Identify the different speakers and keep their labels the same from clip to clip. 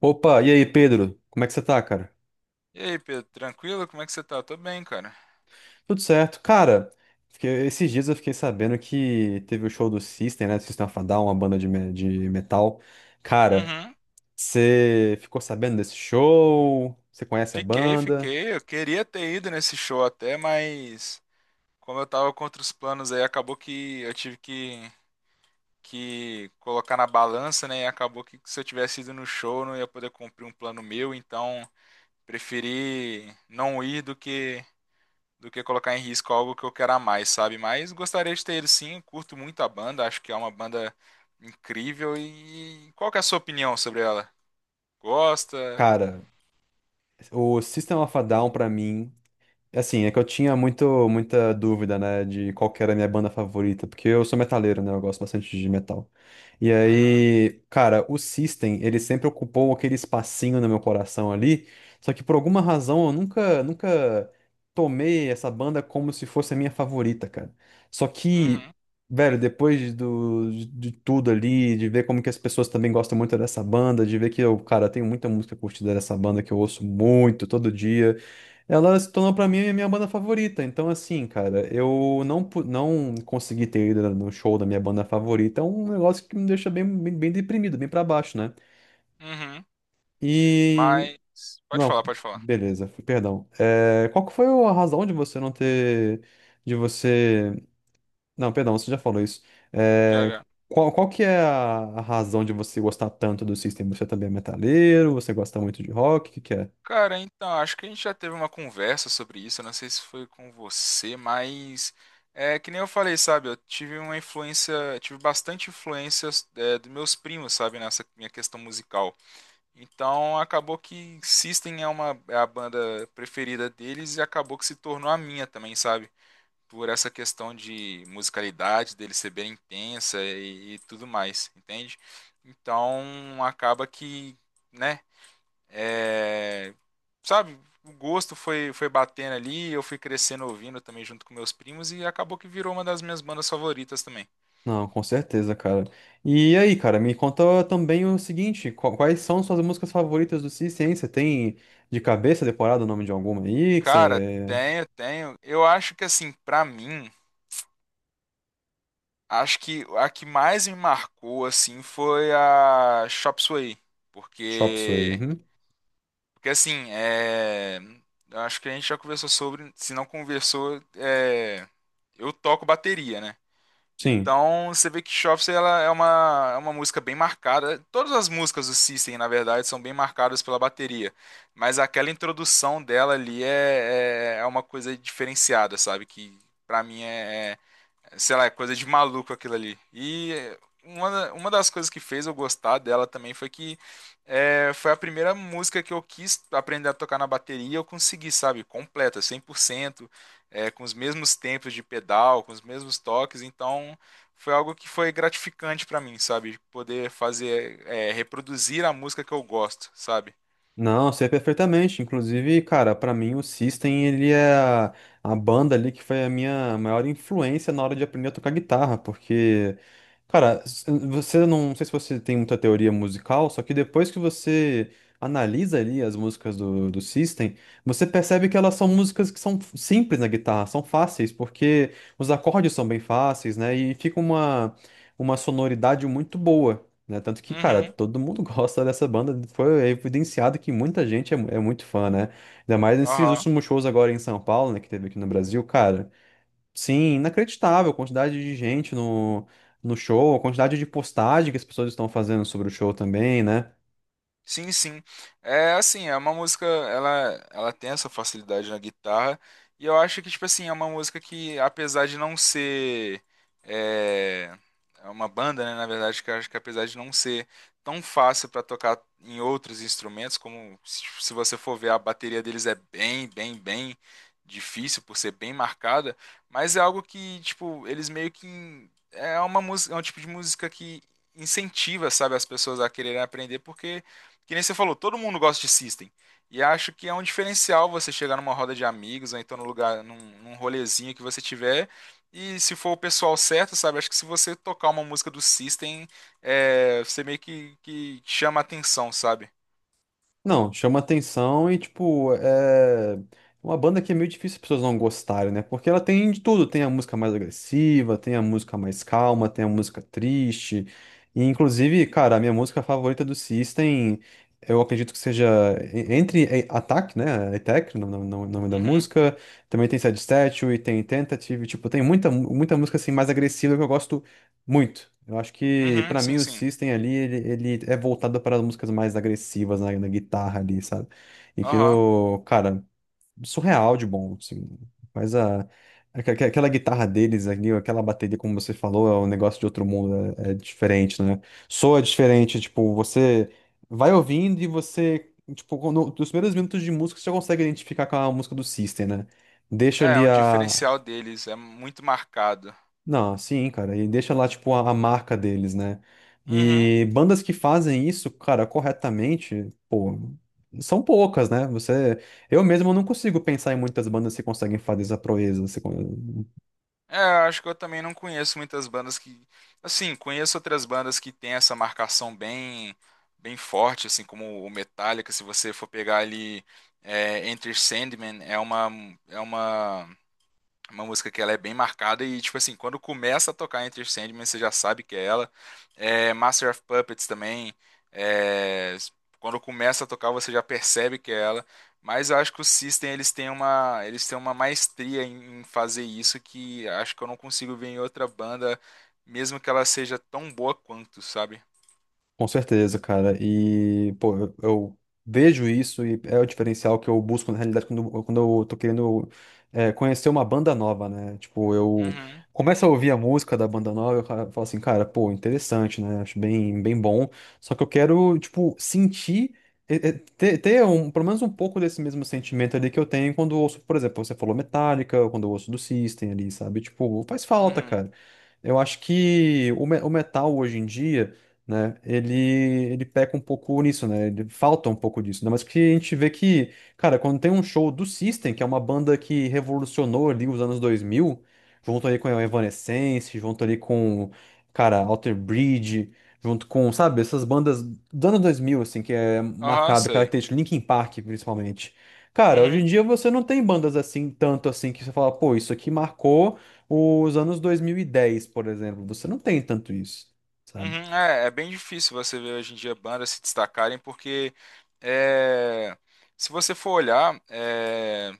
Speaker 1: Opa, e aí, Pedro? Como é que você tá, cara?
Speaker 2: E aí, Pedro, tranquilo? Como é que você tá? Tô bem, cara.
Speaker 1: Tudo certo. Cara, esses dias eu fiquei sabendo que teve o show do System, né? Do System of a Down, uma banda de metal. Cara,
Speaker 2: Uhum.
Speaker 1: você ficou sabendo desse show? Você conhece a
Speaker 2: Fiquei,
Speaker 1: banda?
Speaker 2: fiquei. Eu queria ter ido nesse show até, mas como eu tava contra os planos aí, acabou que eu tive que colocar na balança, né? E acabou que se eu tivesse ido no show, eu não ia poder cumprir um plano meu, então preferi não ir do que colocar em risco algo que eu quero a mais, sabe? Mas gostaria de ter ido sim, eu curto muito a banda, acho que é uma banda incrível. E qual que é a sua opinião sobre ela? Gosta?
Speaker 1: Cara, o System of a Down, pra mim, assim, é que eu tinha muita dúvida, né, de qual que era a minha banda favorita, porque eu sou metaleiro, né, eu gosto bastante de metal. E
Speaker 2: Uhum,
Speaker 1: aí, cara, o System, ele sempre ocupou aquele espacinho no meu coração ali, só que por alguma razão eu nunca tomei essa banda como se fosse a minha favorita, cara. Só que,
Speaker 2: uhum,
Speaker 1: velho, depois de tudo ali, de ver como que as pessoas também gostam muito dessa banda, de ver que eu, cara, tenho muita música curtida dessa banda que eu ouço muito, todo dia. Ela se tornou pra mim a minha banda favorita. Então, assim, cara, eu não, pu- não consegui ter ido no show da minha banda favorita. É um negócio que me deixa bem deprimido, bem pra baixo, né?
Speaker 2: uhum.
Speaker 1: E.
Speaker 2: Mas pode falar,
Speaker 1: Não,
Speaker 2: pode falar.
Speaker 1: beleza, perdão. É, qual que foi a razão de você não ter. De você. Não, perdão, você já falou isso.
Speaker 2: Já,
Speaker 1: É,
Speaker 2: já.
Speaker 1: qual que é a razão de você gostar tanto do System? Você também é metaleiro? Você gosta muito de rock? O que que é?
Speaker 2: Cara, então, acho que a gente já teve uma conversa sobre isso. Eu não sei se foi com você, mas é que nem eu falei, sabe? Eu tive uma influência, tive bastante influência dos meus primos, sabe, nessa minha questão musical. Então, acabou que System é uma é a banda preferida deles e acabou que se tornou a minha também, sabe? Por essa questão de musicalidade dele ser bem intensa e tudo mais, entende? Então acaba né, é, sabe, o gosto foi batendo ali, eu fui crescendo ouvindo também junto com meus primos e acabou que virou uma das minhas bandas favoritas também.
Speaker 1: Não, com certeza, cara. E aí, cara, me conta também o seguinte, quais são suas músicas favoritas do System, hein? Você tem de cabeça decorado o nome de alguma aí que
Speaker 2: Cara,
Speaker 1: você...
Speaker 2: tenho, tenho. Eu acho que assim, pra mim, acho que a que mais me marcou assim foi a Chop Suey,
Speaker 1: Chop Suey.
Speaker 2: porque...
Speaker 1: Uhum.
Speaker 2: Porque assim, eu acho que a gente já conversou sobre, se não conversou, eu toco bateria, né?
Speaker 1: Sim.
Speaker 2: Então você vê que Shops ela é é uma música bem marcada. Todas as músicas do System, na verdade, são bem marcadas pela bateria. Mas aquela introdução dela ali é uma coisa diferenciada, sabe? Que pra mim sei lá, é coisa de maluco aquilo ali. Uma das coisas que fez eu gostar dela também foi que, foi a primeira música que eu quis aprender a tocar na bateria e eu consegui, sabe, completa, 100%, com os mesmos tempos de pedal, com os mesmos toques, então foi algo que foi gratificante pra mim, sabe, poder fazer, reproduzir a música que eu gosto, sabe?
Speaker 1: Não, sei perfeitamente. Inclusive, cara, pra mim o System, ele é a banda ali que foi a minha maior influência na hora de aprender a tocar guitarra, porque, cara, s- você não, não sei se você tem muita teoria musical, só que depois que você analisa ali as músicas do System, você percebe que elas são músicas que são simples na guitarra, são fáceis, porque os acordes são bem fáceis, né? E fica uma sonoridade muito boa, né? Tanto que, cara,
Speaker 2: Uhum,
Speaker 1: todo mundo gosta dessa banda. Foi evidenciado que muita gente é, é muito fã, né? Ainda mais nesses
Speaker 2: aham.
Speaker 1: últimos shows agora em São Paulo, né? Que teve aqui no Brasil, cara. Sim, inacreditável a quantidade de gente no show, a quantidade de postagem que as pessoas estão fazendo sobre o show também, né?
Speaker 2: Sim, sim. É assim, é uma música, ela tem essa facilidade na guitarra, e eu acho que, tipo assim, é uma música que, apesar de não ser é, é uma banda, né, na verdade, que eu acho que apesar de não ser tão fácil para tocar em outros instrumentos, como se você for ver, a bateria deles é bem difícil por ser bem marcada, mas é algo que, tipo, eles meio que é uma música, é um tipo de música que incentiva, sabe, as pessoas a quererem aprender, porque que nem você falou, todo mundo gosta de System. E acho que é um diferencial você chegar numa roda de amigos, ou então num num rolezinho que você tiver. E se for o pessoal certo, sabe? Acho que se você tocar uma música do System, você meio que chama a atenção, sabe?
Speaker 1: Não, chama atenção e, tipo, é uma banda que é meio difícil as pessoas não gostarem, né? Porque ela tem de tudo. Tem a música mais agressiva, tem a música mais calma, tem a música triste. E, inclusive, cara, a minha música favorita do System, eu acredito que seja Attack, né? Attack, no nome da
Speaker 2: Uhum,
Speaker 1: música. Também tem Sad Statue, tem Tentative. Tipo, tem muita música, assim, mais agressiva que eu gosto muito. Eu acho que,
Speaker 2: uhum,
Speaker 1: pra mim,
Speaker 2: sim,
Speaker 1: o
Speaker 2: sim.
Speaker 1: System ali, ele é voltado para as músicas mais agressivas na, na guitarra ali, sabe? E
Speaker 2: Aham.
Speaker 1: aquilo, cara, surreal de bom, assim. Mas aquela guitarra deles ali, aquela bateria, como você falou, é um negócio de outro mundo, é diferente, né? Soa diferente, tipo, você vai ouvindo e você, tipo, quando, nos primeiros minutos de música, você já consegue identificar com a música do System, né? Deixa
Speaker 2: É, é
Speaker 1: ali
Speaker 2: um
Speaker 1: a.
Speaker 2: diferencial deles, é muito marcado.
Speaker 1: Não, sim, cara, e deixa lá, tipo, a marca deles, né?
Speaker 2: Uhum.
Speaker 1: E bandas que fazem isso, cara, corretamente, são poucas, né? Você, eu mesmo não consigo pensar em muitas bandas que conseguem fazer essa proeza. Você,
Speaker 2: É, eu acho que eu também não conheço muitas bandas que, assim, conheço outras bandas que tem essa marcação bem forte, assim, como o Metallica, se você for pegar ali, é, Enter Sandman, é uma uma música que ela é bem marcada e, tipo assim, quando começa a tocar Enter Sandman, você já sabe que é ela. É, Master of Puppets também, é, quando começa a tocar, você já percebe que é ela. Mas eu acho que o System, eles eles têm uma maestria em fazer isso que acho que eu não consigo ver em outra banda, mesmo que ela seja tão boa quanto, sabe?
Speaker 1: com certeza, cara. E, pô, eu vejo isso e é o diferencial que eu busco na realidade quando eu tô querendo é, conhecer uma banda nova, né? Tipo, eu
Speaker 2: Uhum,
Speaker 1: começo a ouvir a música da banda nova, eu falo assim, cara, pô, interessante, né? Acho bem, bem bom. Só que eu quero, tipo, sentir, ter um, pelo menos um pouco desse mesmo sentimento ali que eu tenho quando eu ouço, por exemplo, você falou Metallica, ou quando eu ouço do System ali, sabe? Tipo, faz falta,
Speaker 2: uhum.
Speaker 1: cara. Eu acho que o metal hoje em dia, né? Ele peca um pouco nisso, né? Ele falta um pouco disso, né? Mas que a gente vê que, cara, quando tem um show do System, que é uma banda que revolucionou ali os anos 2000, junto ali com a Evanescence, junto ali com, cara, Alter Bridge, junto com, sabe, essas bandas do ano 2000 assim, que é
Speaker 2: Aham,
Speaker 1: marcado,
Speaker 2: sei.
Speaker 1: característico, Linkin Park, principalmente. Cara, hoje em
Speaker 2: Uhum.
Speaker 1: dia você não tem bandas assim, tanto assim, que você fala, pô, isso aqui marcou os anos 2010, por exemplo. Você não tem tanto isso, sabe?
Speaker 2: Uhum, é, é bem difícil você ver hoje em dia bandas se destacarem, porque é, se você for olhar,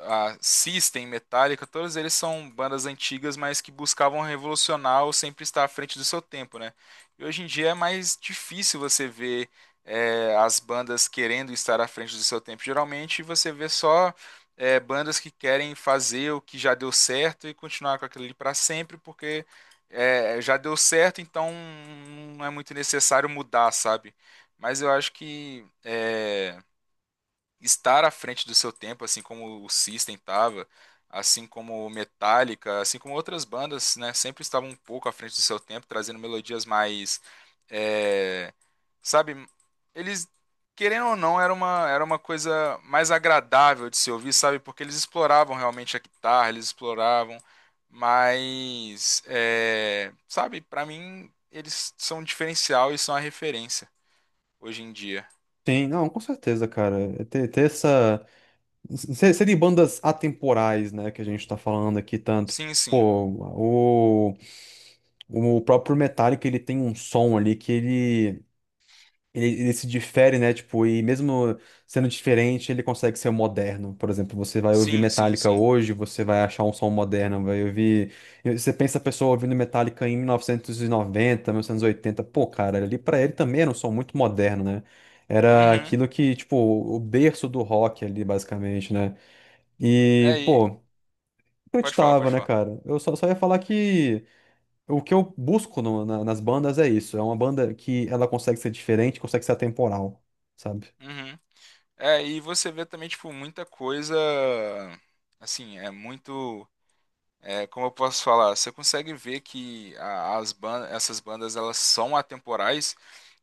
Speaker 2: a System, Metallica, todos eles são bandas antigas, mas que buscavam revolucionar ou sempre estar à frente do seu tempo, né? E hoje em dia é mais difícil você ver as bandas querendo estar à frente do seu tempo. Geralmente você vê só bandas que querem fazer o que já deu certo e continuar com aquilo ali para sempre, porque já deu certo, então não é muito necessário mudar, sabe? Mas eu acho que estar à frente do seu tempo, assim como o System estava, assim como o Metallica, assim como outras bandas, né, sempre estavam um pouco à frente do seu tempo, trazendo melodias mais, é, sabe, eles querendo ou não era uma coisa mais agradável de se ouvir, sabe, porque eles exploravam realmente a guitarra, eles exploravam, mas, sabe, para mim eles são um diferencial e são a referência hoje em dia.
Speaker 1: Sim, não, com certeza, cara. É ter, ter essa. Serem bandas atemporais, né, que a gente tá falando aqui tanto.
Speaker 2: Sim, sim.
Speaker 1: Pô, o, o próprio Metallica, ele tem um som ali que ele. Ele se difere, né? Tipo, e mesmo sendo diferente, ele consegue ser moderno. Por exemplo, você vai ouvir
Speaker 2: Sim, sim,
Speaker 1: Metallica
Speaker 2: sim.
Speaker 1: hoje, você vai achar um som moderno, vai ouvir. Você pensa a pessoa ouvindo Metallica em 1990, 1980. Pô, cara, ali pra ele também era um som muito moderno, né? Era
Speaker 2: Uhum.
Speaker 1: aquilo que, tipo, o berço do rock ali, basicamente, né? E,
Speaker 2: Aí,
Speaker 1: pô,
Speaker 2: pode falar,
Speaker 1: acreditava,
Speaker 2: pode
Speaker 1: né,
Speaker 2: falar.
Speaker 1: cara? Eu só ia falar que. O que eu busco nas bandas é isso. É uma banda que ela consegue ser diferente, consegue ser atemporal, sabe?
Speaker 2: Uhum. É, e você vê também, tipo, muita coisa. Assim, é muito. É, como eu posso falar? Você consegue ver que as bandas, essas bandas, elas são atemporais.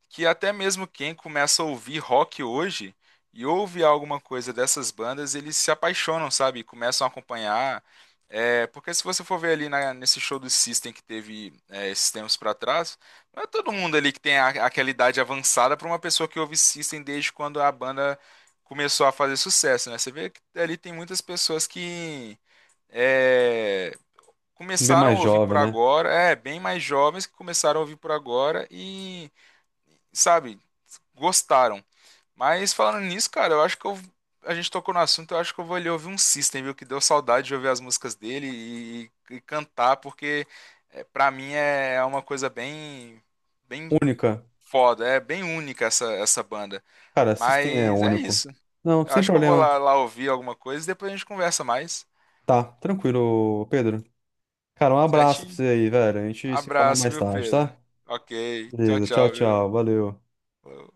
Speaker 2: Que até mesmo quem começa a ouvir rock hoje e ouve alguma coisa dessas bandas, eles se apaixonam, sabe? Começam a acompanhar. É, porque se você for ver ali nesse show do System que teve esses tempos pra trás, não é todo mundo ali que tem aquela idade avançada pra uma pessoa que ouve System desde quando a banda começou a fazer sucesso, né? Você vê que ali tem muitas pessoas que é,
Speaker 1: Bem
Speaker 2: começaram
Speaker 1: mais
Speaker 2: a ouvir
Speaker 1: jovem,
Speaker 2: por
Speaker 1: né?
Speaker 2: agora, é, bem mais jovens que começaram a ouvir por agora sabe, gostaram. Mas falando nisso, cara, eu acho que a gente tocou no assunto, eu acho que eu vou ali ouvir um System, viu? Que deu saudade de ouvir as músicas dele e cantar, porque para mim é uma coisa bem, bem
Speaker 1: Única.
Speaker 2: foda, é bem única essa banda.
Speaker 1: Cara, System é
Speaker 2: Mas é
Speaker 1: único.
Speaker 2: isso.
Speaker 1: Não,
Speaker 2: Eu
Speaker 1: sem
Speaker 2: acho que eu vou
Speaker 1: problema.
Speaker 2: lá ouvir alguma coisa e depois a gente conversa mais.
Speaker 1: Tá, tranquilo, Pedro. Cara, um abraço pra
Speaker 2: Certinho?
Speaker 1: você aí, velho. A gente se fala
Speaker 2: Abraço,
Speaker 1: mais
Speaker 2: viu,
Speaker 1: tarde,
Speaker 2: Pedro?
Speaker 1: tá?
Speaker 2: Ok. Tchau,
Speaker 1: Beleza, tchau,
Speaker 2: tchau, viu?
Speaker 1: tchau. Valeu.
Speaker 2: Falou.